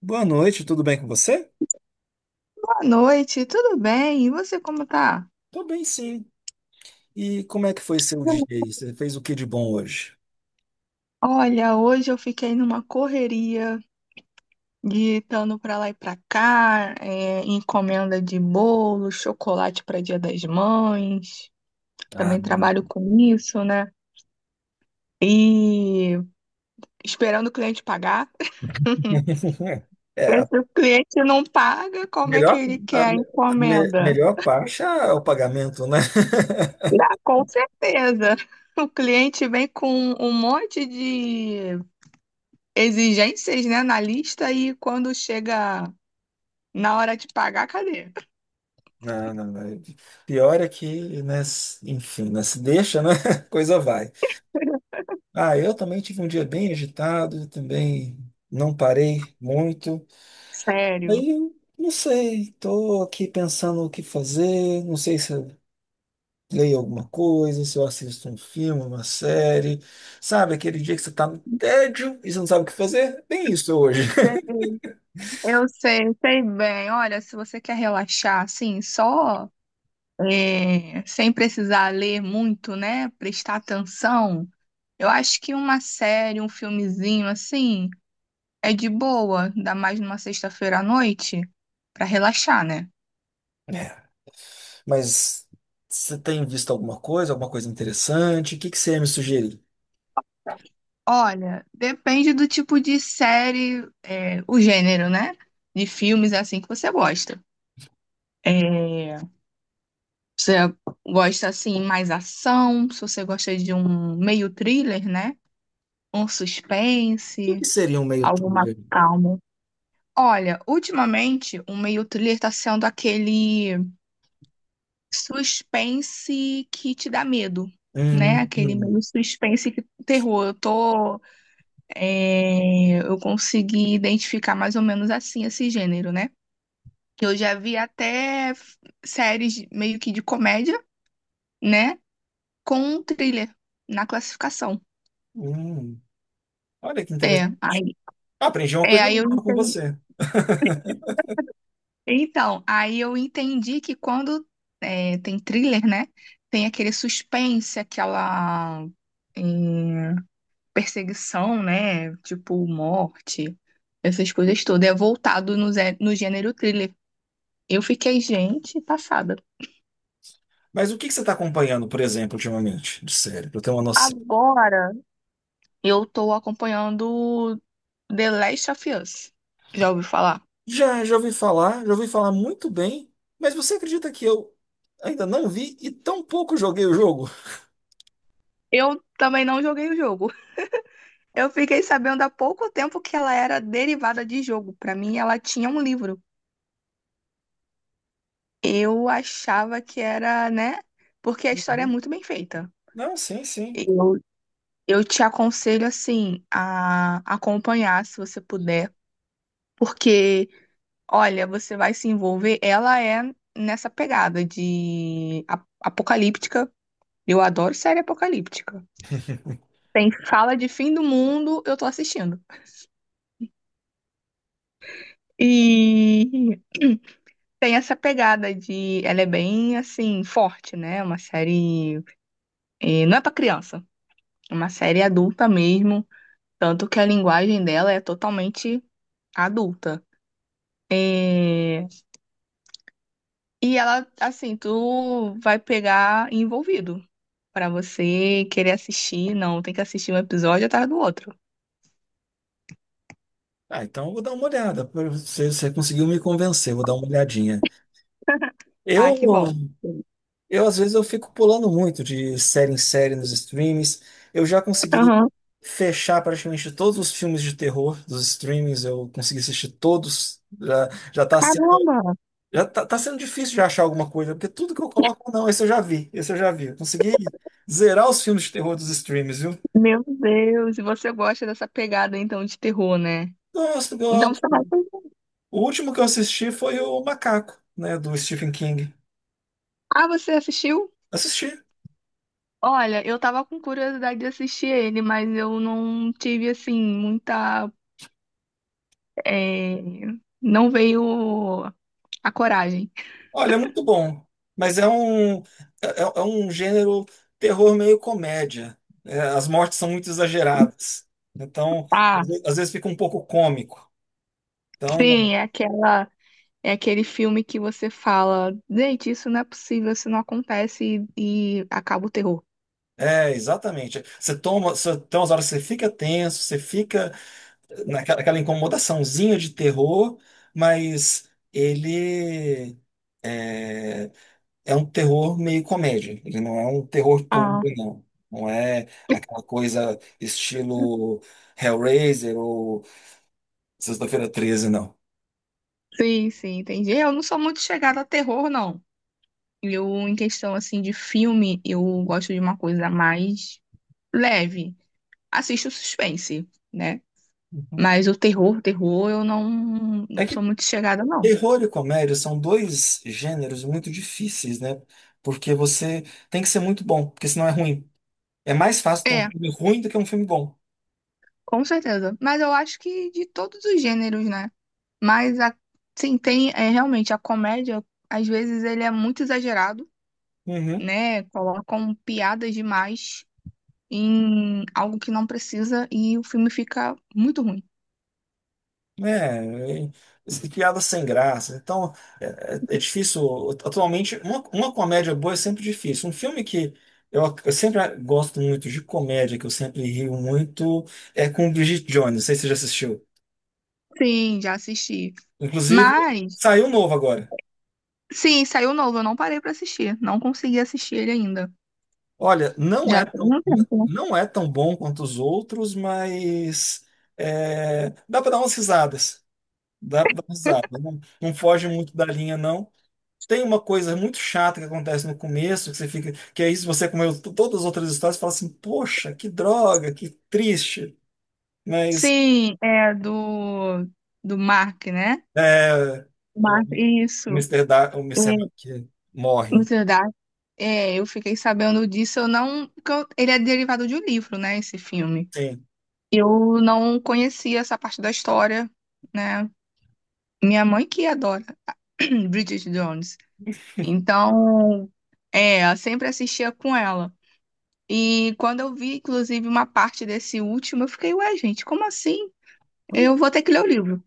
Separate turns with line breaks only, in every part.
Boa noite, tudo bem com você?
Boa noite, tudo bem? E você como tá?
Tô bem, sim. E como é que foi seu dia aí? Você fez o que de bom hoje?
Olha, hoje eu fiquei numa correria de estando para lá e para cá, encomenda de bolo, chocolate para Dia das Mães.
Ah,
Também trabalho com isso, né? E esperando o cliente pagar. Se
é,
o cliente não paga, como é que
melhor,
ele
a
quer a encomenda?
melhor parte é o pagamento, né?
Ah, com certeza. O cliente vem com um monte de exigências, né, na lista e quando chega na hora de pagar, cadê?
Não, não, não. Pior é que, né, enfim, né, se deixa, né? a Coisa vai. Ah, eu também tive um dia bem agitado, também não parei muito.
Sério.
Aí, eu não sei, tô aqui pensando o que fazer, não sei se leio alguma coisa, se eu assisto um filme, uma série, sabe? Aquele dia que você tá no tédio e você não sabe o que fazer? Bem isso hoje.
Eu sei, bem. Olha, se você quer relaxar assim, só sem precisar ler muito, né, prestar atenção, eu acho que uma série, um filmezinho assim, é de boa, ainda mais numa sexta-feira à noite, pra relaxar, né?
É, mas você tem visto alguma coisa interessante? O que que você ia me sugerir? O
Olha, depende do tipo de série, o gênero, né? De filmes assim que você gosta. É, você gosta assim mais ação? Se você gosta de um meio thriller, né? Um
que que
suspense,
seria um meio
algo mais
trilha?
calmo. Olha, ultimamente o meio thriller tá sendo aquele suspense que te dá medo, né?
Hum,
Aquele
hum,
meio suspense que terror. Eu consegui identificar mais ou menos assim esse gênero, né? Eu já vi até séries meio que de comédia, né? Com thriller na classificação.
hum. Olha que
É,
interessante.
aí,
Ah, aprendi uma
é,
coisa
aí eu
nova com
entendi.
você.
Então, aí eu entendi que quando tem thriller, né? Tem aquele suspense, aquela é, perseguição, né? Tipo, morte, essas coisas todas. É voltado no, no gênero thriller. Eu fiquei, gente, passada.
Mas o que que você está acompanhando, por exemplo, ultimamente, de série, para eu ter uma noção?
Agora eu tô acompanhando The Last of Us. Já ouviu falar?
Já, já ouvi falar muito bem, mas você acredita que eu ainda não vi e tão pouco joguei o jogo?
Eu também não joguei o jogo. Eu fiquei sabendo há pouco tempo que ela era derivada de jogo. Pra mim, ela tinha um livro. Eu achava que era, né? Porque a história é
Uhum.
muito bem feita.
Não, sim, sim.
Eu, eu te aconselho, assim, a acompanhar, se você puder. Porque, olha, você vai se envolver. Ela é nessa pegada de apocalíptica. Eu adoro série apocalíptica. Tem fala de fim do mundo, eu tô assistindo. E tem essa pegada de. Ela é bem, assim, forte, né? É uma série. Não é pra criança, é uma série adulta mesmo. Tanto que a linguagem dela é totalmente adulta. Eh, E ela, assim, tu vai pegar envolvido. Pra você querer assistir, não, tem que assistir um episódio atrás do outro.
Ah, então eu vou dar uma olhada. Você conseguiu me convencer, vou dar uma olhadinha.
Ah,
Eu,
que bom.
eu às vezes eu fico pulando muito de série em série nos streams. Eu já consegui
Aham.
fechar praticamente todos os filmes de terror dos streams. Eu consegui assistir todos. Já,
Caramba,
já tá, tá sendo difícil de achar alguma coisa, porque tudo que eu coloco, não, esse eu já vi, esse eu já vi. Eu consegui zerar os filmes de terror dos streams, viu?
meu Deus, e você gosta dessa pegada então de terror, né?
Nossa, eu-
Então você vai.
o último que eu assisti foi o Macaco, né, do Stephen King.
Ah, você assistiu?
Assisti.
Olha, eu tava com curiosidade de assistir ele, mas eu não tive, assim, muita. é, Não veio a coragem.
Olha, é muito bom, mas é é um gênero terror meio comédia. É, as mortes são muito exageradas. Então,
Ah,
às vezes fica um pouco cômico. Então,
sim, é aquela. É aquele filme que você fala, gente, isso não é possível, isso não acontece e acaba o terror.
é, exatamente. Você, tem umas horas que você fica tenso, você fica naquela aquela incomodaçãozinha de terror, mas ele é, é um terror meio comédia. Ele não é um terror puro,
Ah,
não. Não é aquela coisa estilo Hellraiser ou Sexta-feira Treze, não.
sim, sim, entendi. Eu não sou muito chegada a terror, não. Eu, em questão, assim, de filme, eu gosto de uma coisa mais leve. Assisto suspense, né?
Uhum.
Mas o terror, terror, eu não,
É
não sou
que
muito chegada, não.
terror e comédia são dois gêneros muito difíceis, né? Porque você tem que ser muito bom, porque senão é ruim. É mais fácil ter um
É,
filme ruim do que um filme bom.
com certeza. Mas eu acho que de todos os gêneros, né? Mas, a, sim, tem, é, realmente, a comédia, às vezes, ele é muito exagerado,
Uhum.
né? Colocam piadas demais em algo que não precisa e o filme fica muito ruim.
Né, é, piada sem graça. Então, é, é difícil. Atualmente, uma comédia boa é sempre difícil. Um filme que eu sempre gosto muito de comédia, que eu sempre rio muito, é com Bridget Jones. Não sei se você já assistiu.
Sim, já assisti.
Inclusive,
Mas,
saiu um novo agora.
sim, saiu novo, eu não parei pra assistir. Não consegui assistir ele ainda.
Olha,
Já tem um tempo, né?
não é tão bom quanto os outros, mas é, dá para dar umas risadas. Dá para dar umas risadas. Não, não foge muito da linha, não. Tem uma coisa muito chata que acontece no começo, que você fica, que é isso, você comeu todas as outras histórias e fala assim, poxa, que droga, que triste. Mas
Sim, é do Mark, né?
é, o
Mas isso, é,
Mister Mac
na
morre.
verdade, eu fiquei sabendo disso, eu não, porque ele é derivado de um livro, né, esse filme.
Sim.
Eu não conhecia essa parte da história, né? Minha mãe que adora Bridget Jones. Então, eu sempre assistia com ela. E quando eu vi, inclusive, uma parte desse último, eu fiquei, ué, gente, como assim? Eu vou ter que ler o livro.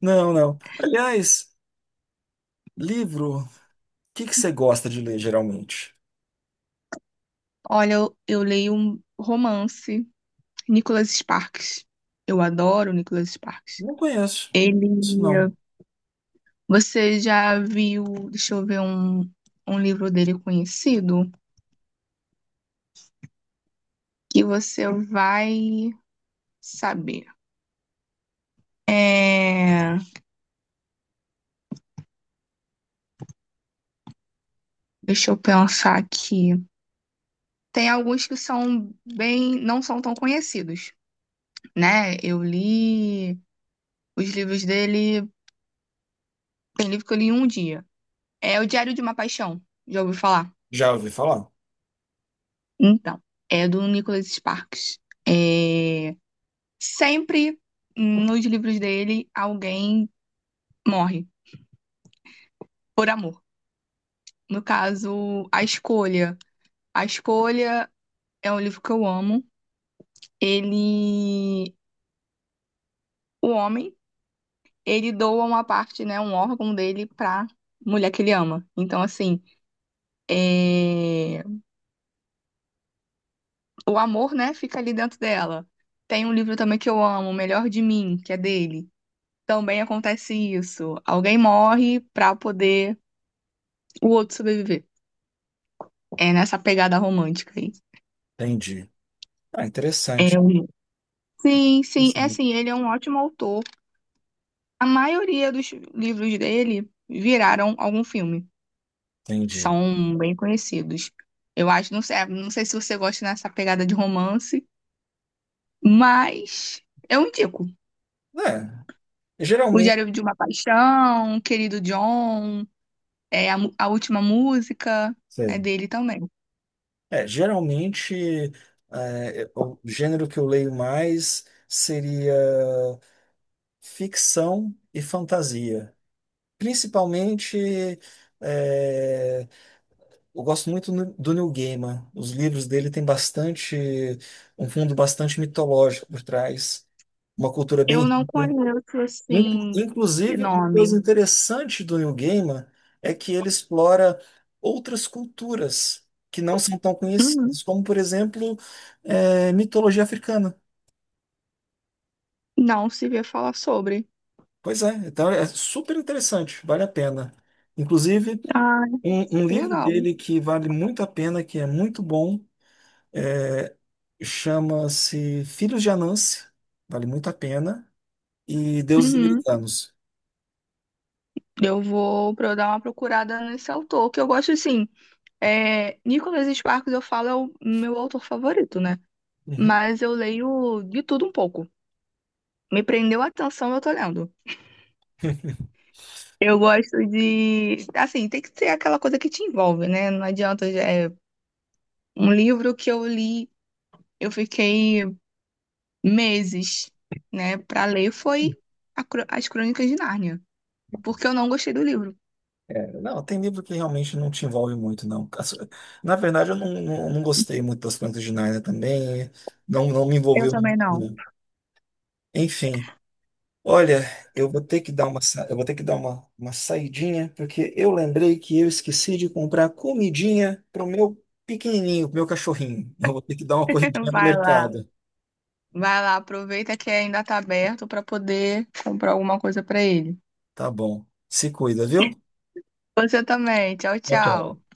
Não, não. Aliás, livro, o que que você gosta de ler geralmente?
Olha, eu leio um romance, Nicholas Sparks. Eu adoro Nicholas Sparks.
Não conheço.
Ele,
Isso não.
você já viu, deixa eu ver um, um livro dele conhecido que você vai saber. É, deixa eu pensar aqui. Tem alguns que são bem, não são tão conhecidos, né? Eu li os livros dele, tem livro que eu li em um dia. É O Diário de uma Paixão, já ouviu falar?
Já ouvi falar?
Então, é do Nicholas Sparks. É, sempre nos livros dele alguém morre. Por Amor. No caso, A Escolha. A Escolha é um livro que eu amo. Ele, o homem, ele doa uma parte, né, um órgão dele pra mulher que ele ama. Então, assim, é, o amor, né, fica ali dentro dela. Tem um livro também que eu amo, O Melhor de Mim, que é dele. Também acontece isso. Alguém morre pra poder o outro sobreviver. É nessa pegada romântica aí.
Entendi. Ah, interessante.
É um- Sim, sim, é
Interessante.
assim, ele é um ótimo autor. A maioria dos livros dele viraram algum filme.
Entendi.
São bem conhecidos. Eu acho, não sei, não sei se você gosta dessa pegada de romance, mas eu indico.
É,
O
geralmente.
Diário de uma Paixão, Querido John, A Última Música é dele também.
É, geralmente, é, o gênero que eu leio mais seria ficção e fantasia. Principalmente, é, eu gosto muito do Neil Gaiman. Os livros dele têm bastante, um fundo bastante mitológico por trás, uma cultura
Eu
bem
não
rica.
conheço, assim, de
Inclusive, uma
nome.
coisa interessante do Neil Gaiman é que ele explora outras culturas que não são tão
Uhum.
conhecidas, como, por exemplo, mitologia africana.
Não se vê falar sobre.
Pois é, então é super interessante, vale a pena. Inclusive,
Ah,
um livro
legal.
dele que vale muito a pena, que é muito bom, chama-se Filhos de Anansi, vale muito a pena, e Deuses
Uhum.
Americanos.
Dar uma procurada nesse autor, que eu gosto, assim, é, Nicholas Sparks, eu falo, é o meu autor favorito, né?
Uhum.
Mas eu leio de tudo um pouco. Me prendeu a atenção, eu tô lendo. Eu gosto de. Assim, tem que ser aquela coisa que te envolve, né? Não adianta. É um livro que eu li, eu fiquei meses, né, pra ler, foi a As Crônicas de Nárnia. Porque eu não gostei do livro.
É, não, tem livro que realmente não te envolve muito, não. As- na verdade, eu não gostei muito das Crônicas de Nárnia também. Não, não me
Eu
envolveu muito,
também não.
não. Enfim, olha, eu vou ter que dar eu vou ter que dar uma saidinha, porque eu lembrei que eu esqueci de comprar comidinha pro meu pequenininho, pro meu cachorrinho. Eu vou ter que dar uma corridinha no
Vai lá.
mercado.
Vai lá, aproveita que ainda tá aberto pra poder comprar alguma coisa pra ele.
Tá bom. Se cuida, viu?
Você também. Tchau,
Tchau, tchau.
tchau.